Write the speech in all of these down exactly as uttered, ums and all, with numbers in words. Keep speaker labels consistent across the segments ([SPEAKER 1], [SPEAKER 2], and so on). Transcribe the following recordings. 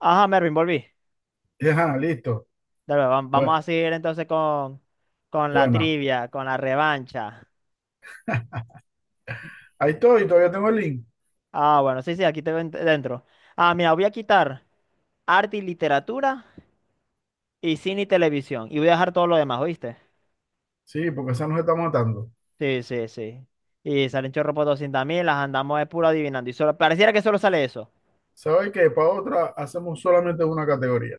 [SPEAKER 1] Ajá, Mervin, volví.
[SPEAKER 2] Ajá, listo.
[SPEAKER 1] Dale, vam- vamos a
[SPEAKER 2] Bueno,
[SPEAKER 1] seguir entonces con, con la
[SPEAKER 2] bueno.
[SPEAKER 1] trivia, con la revancha.
[SPEAKER 2] Ahí estoy, todavía tengo el link.
[SPEAKER 1] Ah, bueno, sí, sí, aquí te ven- dentro. Ah, mira, voy a quitar arte y literatura y cine y televisión. Y voy a dejar todo lo demás, ¿oíste?
[SPEAKER 2] Sí, porque esa nos está matando.
[SPEAKER 1] Sí, sí, sí. Y salen chorro por doscientos mil, las andamos de puro adivinando. Y solo, pareciera que solo sale eso.
[SPEAKER 2] ¿Sabes qué? Para otra hacemos solamente una categoría.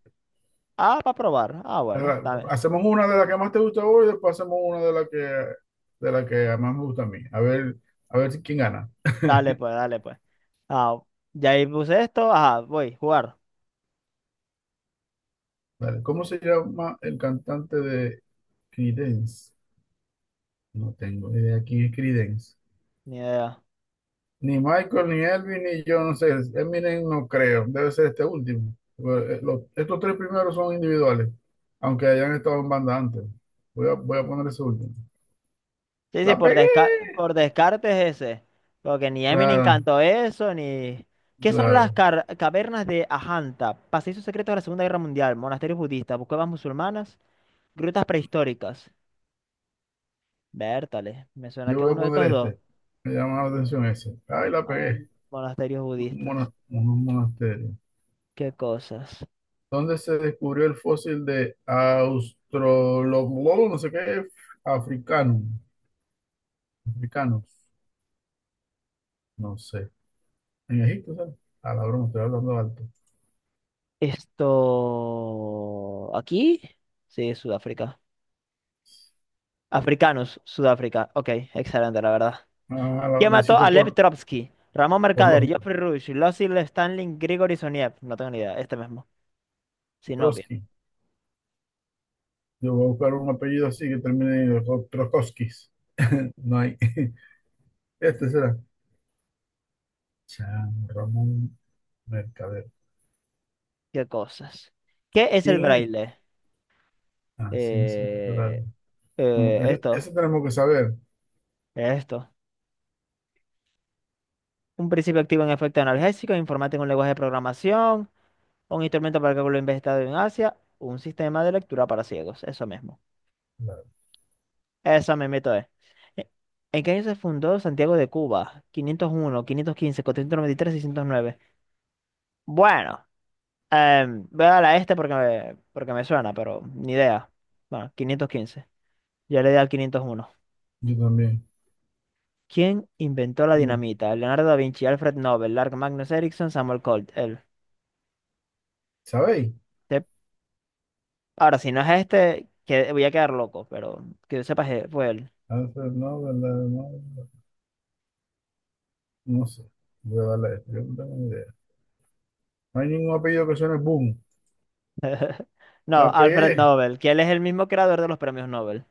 [SPEAKER 1] Ah, para probar. Ah, bueno,
[SPEAKER 2] ¿Verdad?
[SPEAKER 1] dale,
[SPEAKER 2] Hacemos una de la que más te gusta a vos y después hacemos una de la que, de la que más me gusta a mí. A ver, a ver si- quién gana.
[SPEAKER 1] dale pues, dale pues. Ah, ya ahí puse esto. Ajá, voy, jugar.
[SPEAKER 2] Dale. ¿Cómo se llama el cantante de Creedence? No tengo idea quién es Creedence.
[SPEAKER 1] Ni idea.
[SPEAKER 2] Ni Michael, ni Elvin, ni yo, no sé. Eminem no creo. Debe ser este último. Eh, los- estos tres primeros son individuales, aunque hayan estado en banda antes. Voy a, voy a poner ese último.
[SPEAKER 1] Sí, sí,
[SPEAKER 2] ¡La
[SPEAKER 1] por
[SPEAKER 2] pegué!
[SPEAKER 1] desca- por descartes ese. Porque ni Eminem
[SPEAKER 2] Claro,
[SPEAKER 1] cantó eso, ni... ¿Qué son las
[SPEAKER 2] claro.
[SPEAKER 1] car- cavernas de Ajanta? Pasillos secretos de la Segunda Guerra Mundial, monasterios budistas, cuevas musulmanas, grutas prehistóricas. Vértale, me suena
[SPEAKER 2] Yo
[SPEAKER 1] que es
[SPEAKER 2] voy a
[SPEAKER 1] uno de
[SPEAKER 2] poner
[SPEAKER 1] estos dos.
[SPEAKER 2] este. Me llama la atención ese. ¡Ay, la
[SPEAKER 1] Ah,
[SPEAKER 2] pegué!
[SPEAKER 1] monasterios
[SPEAKER 2] Un
[SPEAKER 1] budistas.
[SPEAKER 2] mona- Unos monasterios.
[SPEAKER 1] ¿Qué cosas?
[SPEAKER 2] ¿Dónde se descubrió el fósil de Australopithecus? No sé qué. Africano. Africanos. No sé. En Egipto, ¿sabes? A la broma, estoy hablando alto.
[SPEAKER 1] Esto... ¿Aquí? Sí, Sudáfrica. Africanos, Sudáfrica. Ok, excelente, la verdad.
[SPEAKER 2] Ah, lo,
[SPEAKER 1] ¿Quién
[SPEAKER 2] lo
[SPEAKER 1] mató
[SPEAKER 2] hiciste
[SPEAKER 1] a Lev
[SPEAKER 2] por,
[SPEAKER 1] Trotsky? Ramón
[SPEAKER 2] por
[SPEAKER 1] Mercader,
[SPEAKER 2] lógica.
[SPEAKER 1] Geoffrey Rush, Lossy Stanley, Grigori Soniev. No tengo ni idea, este mismo. Sinoviev.
[SPEAKER 2] Trotsky. Yo voy a buscar un apellido así que termine en Tro- Troskowskis. No hay. Este será. Chan Ramón Mercader.
[SPEAKER 1] Qué cosas. ¿Qué es el
[SPEAKER 2] ¿Quién es?
[SPEAKER 1] braille?
[SPEAKER 2] Ah, ciencia
[SPEAKER 1] Eh,
[SPEAKER 2] natural. Como,
[SPEAKER 1] eh,
[SPEAKER 2] eso, eso
[SPEAKER 1] esto,
[SPEAKER 2] tenemos que saber.
[SPEAKER 1] esto. Un principio activo en efecto analgésico, informático en un lenguaje de programación, un instrumento para cálculo inventado en Asia, un sistema de lectura para ciegos. Eso mismo.
[SPEAKER 2] Claro.
[SPEAKER 1] Eso me meto es. Eh, ¿En qué año se fundó Santiago de Cuba? quinientos uno, quinientos quince, cuatrocientos noventa y tres, seiscientos nueve. Bueno. Em, voy a dar a este porque me, porque me suena, pero ni idea. Bueno, quinientos quince. Ya le di al quinientos uno.
[SPEAKER 2] Yo también.
[SPEAKER 1] ¿Quién inventó la dinamita? Leonardo da Vinci, Alfred Nobel, Lark Magnus Ericsson, Samuel Colt. Él.
[SPEAKER 2] ¿Sabéis?
[SPEAKER 1] Te- Ahora, si no es este, que voy a quedar loco, pero que yo sepa que fue él.
[SPEAKER 2] Alfred Nobel, la- no, no sé. Voy a darle a este. Yo no tengo ni idea. No hay ningún apellido que suene boom. La
[SPEAKER 1] No, Alfred
[SPEAKER 2] pegué.
[SPEAKER 1] Nobel, que él es el mismo creador de los premios Nobel.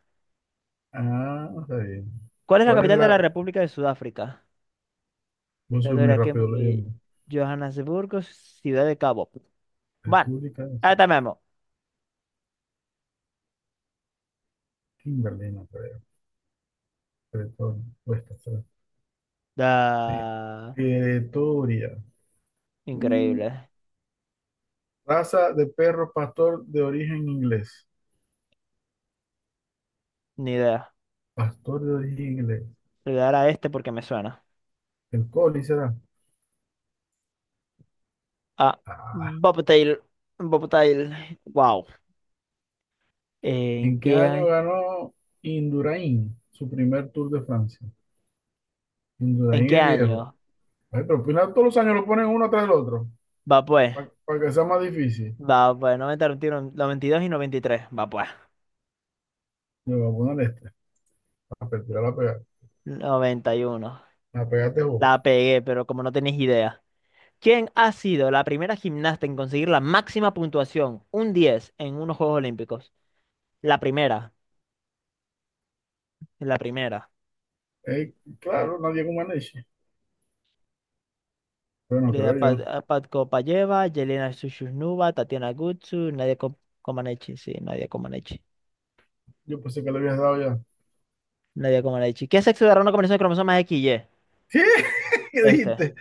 [SPEAKER 2] Ah, está bien.
[SPEAKER 1] ¿Cuál es la
[SPEAKER 2] ¿Cuál es
[SPEAKER 1] capital de
[SPEAKER 2] la?
[SPEAKER 1] la República de Sudáfrica?
[SPEAKER 2] Yo soy muy
[SPEAKER 1] Pretoria,
[SPEAKER 2] rápido
[SPEAKER 1] Kimberley,
[SPEAKER 2] leyendo.
[SPEAKER 1] Johannesburgo, Ciudad de Cabo. Bueno,
[SPEAKER 2] República.
[SPEAKER 1] ahí está Memo.
[SPEAKER 2] Kimberly, no creo. Bretón, Westeros, sí.
[SPEAKER 1] Da...
[SPEAKER 2] Pretoria. Mm,
[SPEAKER 1] Increíble.
[SPEAKER 2] Raza de perro pastor de origen inglés.
[SPEAKER 1] Ni idea.
[SPEAKER 2] Pastor de origen inglés.
[SPEAKER 1] Le voy a dar a este porque me suena.
[SPEAKER 2] El Collie será.
[SPEAKER 1] Ah,
[SPEAKER 2] Ah.
[SPEAKER 1] Bobtail. Bobtail. Wow. ¿En
[SPEAKER 2] ¿En qué
[SPEAKER 1] qué
[SPEAKER 2] año
[SPEAKER 1] año?
[SPEAKER 2] ganó Indurain su primer Tour de Francia?
[SPEAKER 1] ¿En
[SPEAKER 2] Indurain
[SPEAKER 1] qué
[SPEAKER 2] es viejo.
[SPEAKER 1] año?
[SPEAKER 2] Ay, pero al final todos los años lo ponen uno tras el otro
[SPEAKER 1] Va pues.
[SPEAKER 2] para que sea más difícil.
[SPEAKER 1] Va pues. noventa, noventa y uno, noventa y dos y dos y noventa y tres. Va pues.
[SPEAKER 2] Le voy a poner este. A pertirar la pegar.
[SPEAKER 1] Noventa y uno.
[SPEAKER 2] La pegaste vos.
[SPEAKER 1] La pegué, pero como no tenéis idea. ¿Quién ha sido la primera gimnasta en conseguir la máxima puntuación, un diez en unos Juegos Olímpicos? La primera. La primera.
[SPEAKER 2] Eh, claro, nadie con Maneche. Pero no
[SPEAKER 1] Elena
[SPEAKER 2] creo
[SPEAKER 1] Pad-
[SPEAKER 2] yo.
[SPEAKER 1] a Pat Kopayeva, Yelena Shushnova, Tatiana Gutsu, Nadia Ko- Comaneci. Sí, Nadia Comaneci.
[SPEAKER 2] Yo pensé que le habías dado ya.
[SPEAKER 1] Nadie como Nadia dicho. ¿Qué sexo dará una combinación de cromosomas X Y?
[SPEAKER 2] ¿Sí? ¿Qué
[SPEAKER 1] Este.
[SPEAKER 2] dijiste?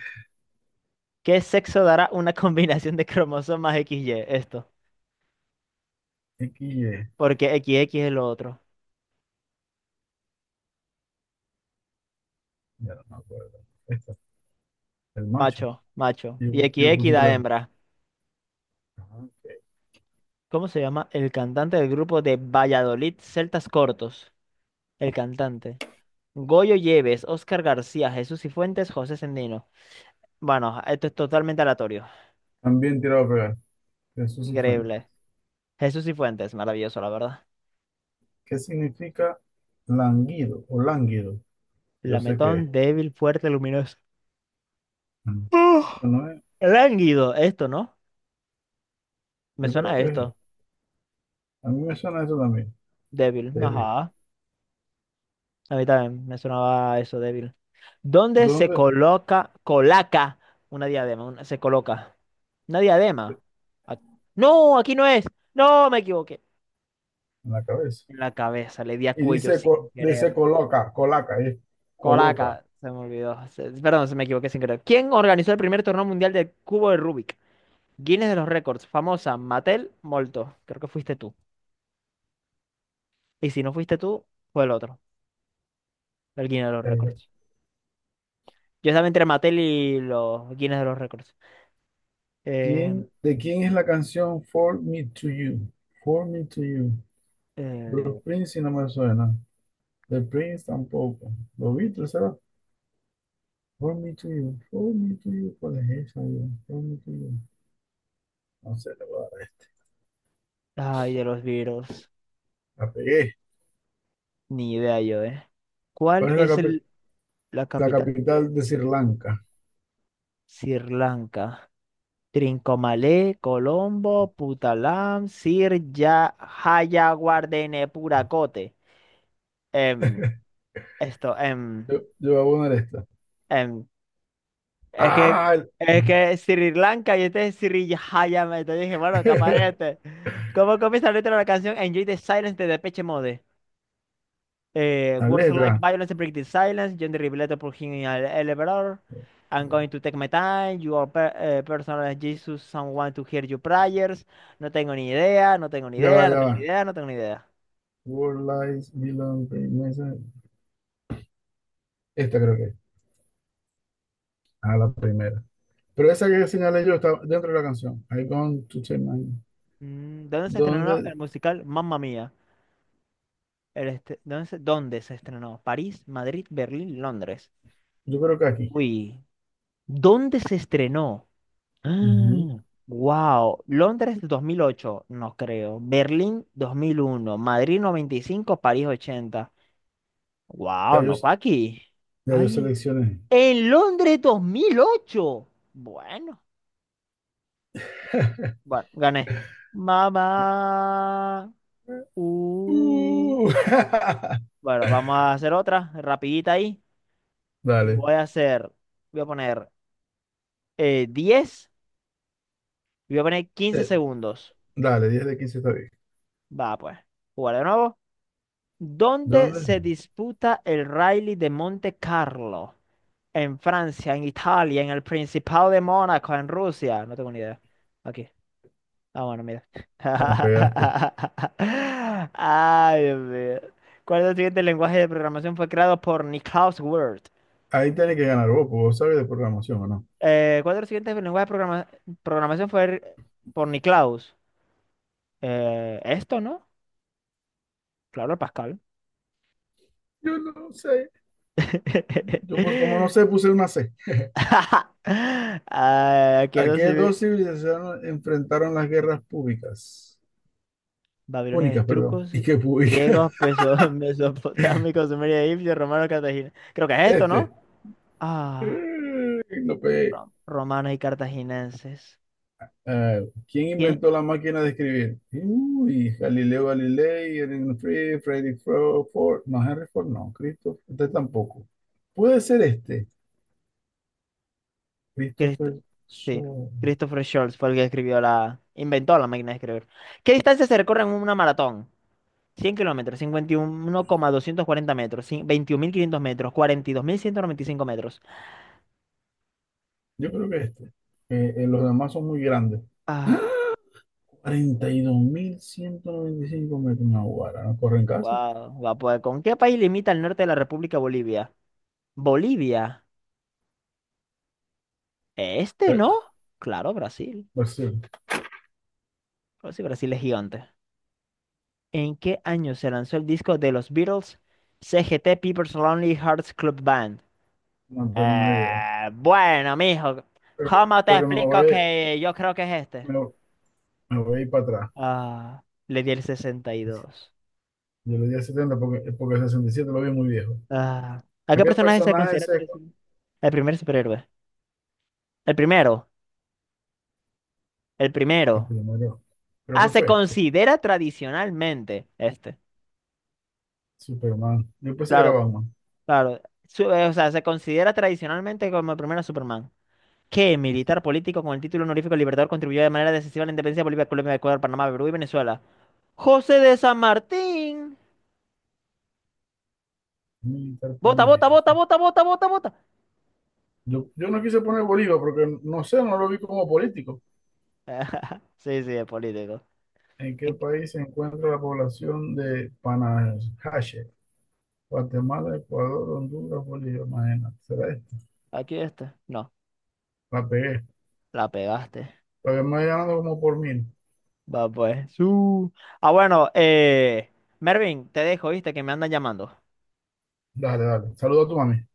[SPEAKER 1] ¿Qué sexo dará una combinación de cromosomas X Y? Esto.
[SPEAKER 2] equis i griega.
[SPEAKER 1] Porque X X es lo otro.
[SPEAKER 2] Ya no me acuerdo. Esta, el macho.
[SPEAKER 1] Macho, macho. Y
[SPEAKER 2] Yo, yo
[SPEAKER 1] X X
[SPEAKER 2] puse
[SPEAKER 1] da
[SPEAKER 2] la.
[SPEAKER 1] hembra.
[SPEAKER 2] Ajá, ok.
[SPEAKER 1] ¿Cómo se llama el cantante del grupo de Valladolid Celtas Cortos? El cantante. Goyo Lleves, Óscar García, Jesús Cifuentes, José Sendino. Bueno, esto es totalmente aleatorio.
[SPEAKER 2] También tirado a pegar. Jesús y Fuentes.
[SPEAKER 1] Increíble. Jesús Cifuentes, maravilloso, la verdad.
[SPEAKER 2] ¿Qué significa languido o lánguido? Yo sé que es.
[SPEAKER 1] Lametón, débil, fuerte, luminoso.
[SPEAKER 2] Mm.
[SPEAKER 1] ¡Uf!
[SPEAKER 2] Esto no es.
[SPEAKER 1] Lánguido, esto, ¿no? Me
[SPEAKER 2] Yo creo
[SPEAKER 1] suena
[SPEAKER 2] que es.
[SPEAKER 1] esto,
[SPEAKER 2] A mí me suena eso también.
[SPEAKER 1] débil.
[SPEAKER 2] Débil.
[SPEAKER 1] Ajá. A mí también me sonaba eso, débil. ¿Dónde se
[SPEAKER 2] ¿Dónde?
[SPEAKER 1] coloca, colaca una diadema? Una- se coloca. Una
[SPEAKER 2] Sí,
[SPEAKER 1] diadema. Ac- no, aquí no es. No, me equivoqué.
[SPEAKER 2] en la cabeza.
[SPEAKER 1] En la cabeza, le di a
[SPEAKER 2] Y
[SPEAKER 1] cuello
[SPEAKER 2] dice,
[SPEAKER 1] sin
[SPEAKER 2] co- dice
[SPEAKER 1] querer.
[SPEAKER 2] coloca, colaca, es coloca.
[SPEAKER 1] Colaca, se me olvidó. Se- perdón, se me equivoqué sin querer. ¿Quién organizó el primer torneo mundial del cubo de Rubik? Guinness de los récords, famosa, Mattel, Molto. Creo que fuiste tú. Y si no fuiste tú, fue el otro, el Guinness de los
[SPEAKER 2] Eh,
[SPEAKER 1] récords. Yo estaba entre y los Guinness de los Récords. Eh,
[SPEAKER 2] ¿quién, de quién es la canción For Me to You? For Me to You. Bruce
[SPEAKER 1] eh,
[SPEAKER 2] Springsteen si no me suena. The Prince tampoco. Lo Beatles, ¿verdad? For me to you, for me to you, ¿cuál es colegio, for me to you? No sé, le voy a dar.
[SPEAKER 1] ay, de los virus.
[SPEAKER 2] La pegué.
[SPEAKER 1] Ni idea yo, ¿eh? ¿Cuál
[SPEAKER 2] ¿Cuál es la,
[SPEAKER 1] es
[SPEAKER 2] capi-
[SPEAKER 1] el, la
[SPEAKER 2] la
[SPEAKER 1] capital de
[SPEAKER 2] capital de Sri Lanka?
[SPEAKER 1] Sri Lanka? Trincomalee, Colombo, Putalam, Sir Ya, Jayawardenepura, Kotte. Em, esto,
[SPEAKER 2] Yo,
[SPEAKER 1] em,
[SPEAKER 2] yo voy a poner esta.
[SPEAKER 1] em, Es que,
[SPEAKER 2] ¡Ah! el-
[SPEAKER 1] es que Sri Lanka y este es Sri Jayame. Entonces dije, bueno, capaz este. ¿Cómo comienza la letra de la canción Enjoy the Silence de Depeche Mode? Eh,
[SPEAKER 2] La
[SPEAKER 1] words like
[SPEAKER 2] letra.
[SPEAKER 1] violence break the silence. John the Revelator por him in an elevator. I'm going to take my time. You are per- eh, personal as Jesus. Someone to hear your prayers. No tengo ni idea, no tengo ni
[SPEAKER 2] Ya va,
[SPEAKER 1] idea, no
[SPEAKER 2] ya
[SPEAKER 1] tengo
[SPEAKER 2] va.
[SPEAKER 1] ni idea, no tengo ni idea.
[SPEAKER 2] World Lies Belong to Mesa. Esta creo que es. Ah, la primera. Pero esa que señalé yo está dentro de la canción. I gone to change my...
[SPEAKER 1] Mm, ¿dónde se estrenó el
[SPEAKER 2] ¿Dónde?
[SPEAKER 1] musical Mamma Mía? El este- ¿dónde se, dónde se estrenó? ¿París, Madrid, Berlín, Londres?
[SPEAKER 2] Yo creo que aquí.
[SPEAKER 1] Uy. ¿Dónde se estrenó?
[SPEAKER 2] Ujú.
[SPEAKER 1] Wow. Londres dos mil ocho, no creo. Berlín dos mil uno, Madrid noventa y cinco, París ochenta. Wow,
[SPEAKER 2] Ya yo,
[SPEAKER 1] no fue aquí.
[SPEAKER 2] ya yo
[SPEAKER 1] Ay,
[SPEAKER 2] seleccioné.
[SPEAKER 1] en Londres dos mil ocho. Bueno, bueno, gané. Mamá. Uh.
[SPEAKER 2] Uh.
[SPEAKER 1] Bueno, vamos a hacer otra, rapidita ahí.
[SPEAKER 2] Dale,
[SPEAKER 1] Voy a hacer, voy a poner eh, diez, y voy a poner quince
[SPEAKER 2] eh,
[SPEAKER 1] segundos.
[SPEAKER 2] dale, diez de quince está bien.
[SPEAKER 1] Va, pues. Jugar de nuevo. ¿Dónde
[SPEAKER 2] ¿Dónde?
[SPEAKER 1] se disputa el Rally de Monte Carlo? En Francia, en Italia, en el Principado de Mónaco, en Rusia. No tengo ni idea. Aquí. Ah, bueno, mira.
[SPEAKER 2] La pegaste.
[SPEAKER 1] Ay, Dios mío. ¿Cuál de los siguientes lenguajes de programación fue creado por Niklaus Wirth?
[SPEAKER 2] Ahí tiene que ganar vos, porque vos sabes de programación o no.
[SPEAKER 1] Eh, ¿cuál de los siguientes lenguajes de programa- programación fue por Niklaus? Eh, esto, ¿no? Claro, Pascal.
[SPEAKER 2] Yo no sé. Yo, pues, como no sé, puse una C.
[SPEAKER 1] Ah, aquí
[SPEAKER 2] ¿A
[SPEAKER 1] no
[SPEAKER 2] qué
[SPEAKER 1] sí.
[SPEAKER 2] dos civilizaciones enfrentaron las guerras públicas?
[SPEAKER 1] Babilonia,
[SPEAKER 2] Púnicas, perdón.
[SPEAKER 1] trucos,
[SPEAKER 2] ¿Y qué públicas?
[SPEAKER 1] griegos, peso- mesopotámicos, sumerios, egipcios, romanos, cartagineses. Creo que es esto, ¿no?
[SPEAKER 2] Este.
[SPEAKER 1] Ah,
[SPEAKER 2] Eh, No pegué.
[SPEAKER 1] ro- romanos y cartaginenses.
[SPEAKER 2] Ah, ¿quién
[SPEAKER 1] ¿Quién?
[SPEAKER 2] inventó la máquina de escribir? Uy, Galileo Galilei, Erwin Free, Frederick Fro- Ford, no, Henry Ford, no, Christopher, este tampoco. Puede ser este,
[SPEAKER 1] Crist-
[SPEAKER 2] Christopher
[SPEAKER 1] sí,
[SPEAKER 2] Sol.
[SPEAKER 1] Christopher Scholz fue el que escribió la... inventó la máquina de escribir. ¿Qué distancia se recorre en una maratón? Cien kilómetros, cincuenta y uno coma doscientos cuarenta metros, cin- veintiún mil quinientos metros, cuarenta y dos mil ciento noventa y cinco metros.
[SPEAKER 2] Yo creo que este. Eh, eh, los demás son muy grandes.
[SPEAKER 1] Ah,
[SPEAKER 2] cuarenta y dos mil ciento noventa y cinco metros, no, guara, no corren casi.
[SPEAKER 1] wow, va a poder. ¿Con qué país limita el norte de la República Bolivia? Bolivia. Este
[SPEAKER 2] Eh,
[SPEAKER 1] no. Claro, Brasil.
[SPEAKER 2] pues sí,
[SPEAKER 1] Pues sí, Brasil es gigante. ¿En qué año se lanzó el disco de los Beatles, C G T People's Lonely Hearts Club Band?
[SPEAKER 2] no tengo una idea.
[SPEAKER 1] Eh, bueno, mijo,
[SPEAKER 2] Pero,
[SPEAKER 1] ¿cómo te
[SPEAKER 2] pero me
[SPEAKER 1] explico
[SPEAKER 2] voy,
[SPEAKER 1] que yo creo que es este?
[SPEAKER 2] me, me voy a ir para atrás.
[SPEAKER 1] Ah, le di el sesenta y dos.
[SPEAKER 2] Yo le di a setenta porque, porque sesenta y siete lo vi muy viejo.
[SPEAKER 1] Ah, ¿a
[SPEAKER 2] ¿A
[SPEAKER 1] qué
[SPEAKER 2] qué
[SPEAKER 1] personaje se
[SPEAKER 2] personaje
[SPEAKER 1] considera
[SPEAKER 2] se?
[SPEAKER 1] tradicional? El primer superhéroe. El primero, el
[SPEAKER 2] El
[SPEAKER 1] primero.
[SPEAKER 2] primero, creo
[SPEAKER 1] Ah,
[SPEAKER 2] que
[SPEAKER 1] se
[SPEAKER 2] fue este,
[SPEAKER 1] considera tradicionalmente este.
[SPEAKER 2] Superman. Después se
[SPEAKER 1] Claro,
[SPEAKER 2] grababa más.
[SPEAKER 1] claro, su- eh, o sea, se considera tradicionalmente como el primer Superman, que militar político con el título honorífico Libertador contribuyó de manera decisiva a la independencia de Bolivia, Colombia, Ecuador, Panamá, Perú y Venezuela. José de San Martín.
[SPEAKER 2] Militar
[SPEAKER 1] Vota, vota,
[SPEAKER 2] político. Sí.
[SPEAKER 1] vota, vota, vota, vota, vota.
[SPEAKER 2] Yo, yo no quise poner Bolívar porque no sé, no lo vi como político.
[SPEAKER 1] Sí, sí, es político.
[SPEAKER 2] ¿En qué
[SPEAKER 1] En-
[SPEAKER 2] país se encuentra la población de Panajache? Guatemala, Ecuador, Honduras, Bolivia, imagínate. ¿Será este?
[SPEAKER 1] Aquí está. No,
[SPEAKER 2] La pegué.
[SPEAKER 1] la pegaste.
[SPEAKER 2] Todavía me voy ganando como por mil.
[SPEAKER 1] Va pues. Su. Ah, bueno, eh, Mervin, te dejo, viste, que me andan llamando.
[SPEAKER 2] Dale, dale. Saluda a tu mami.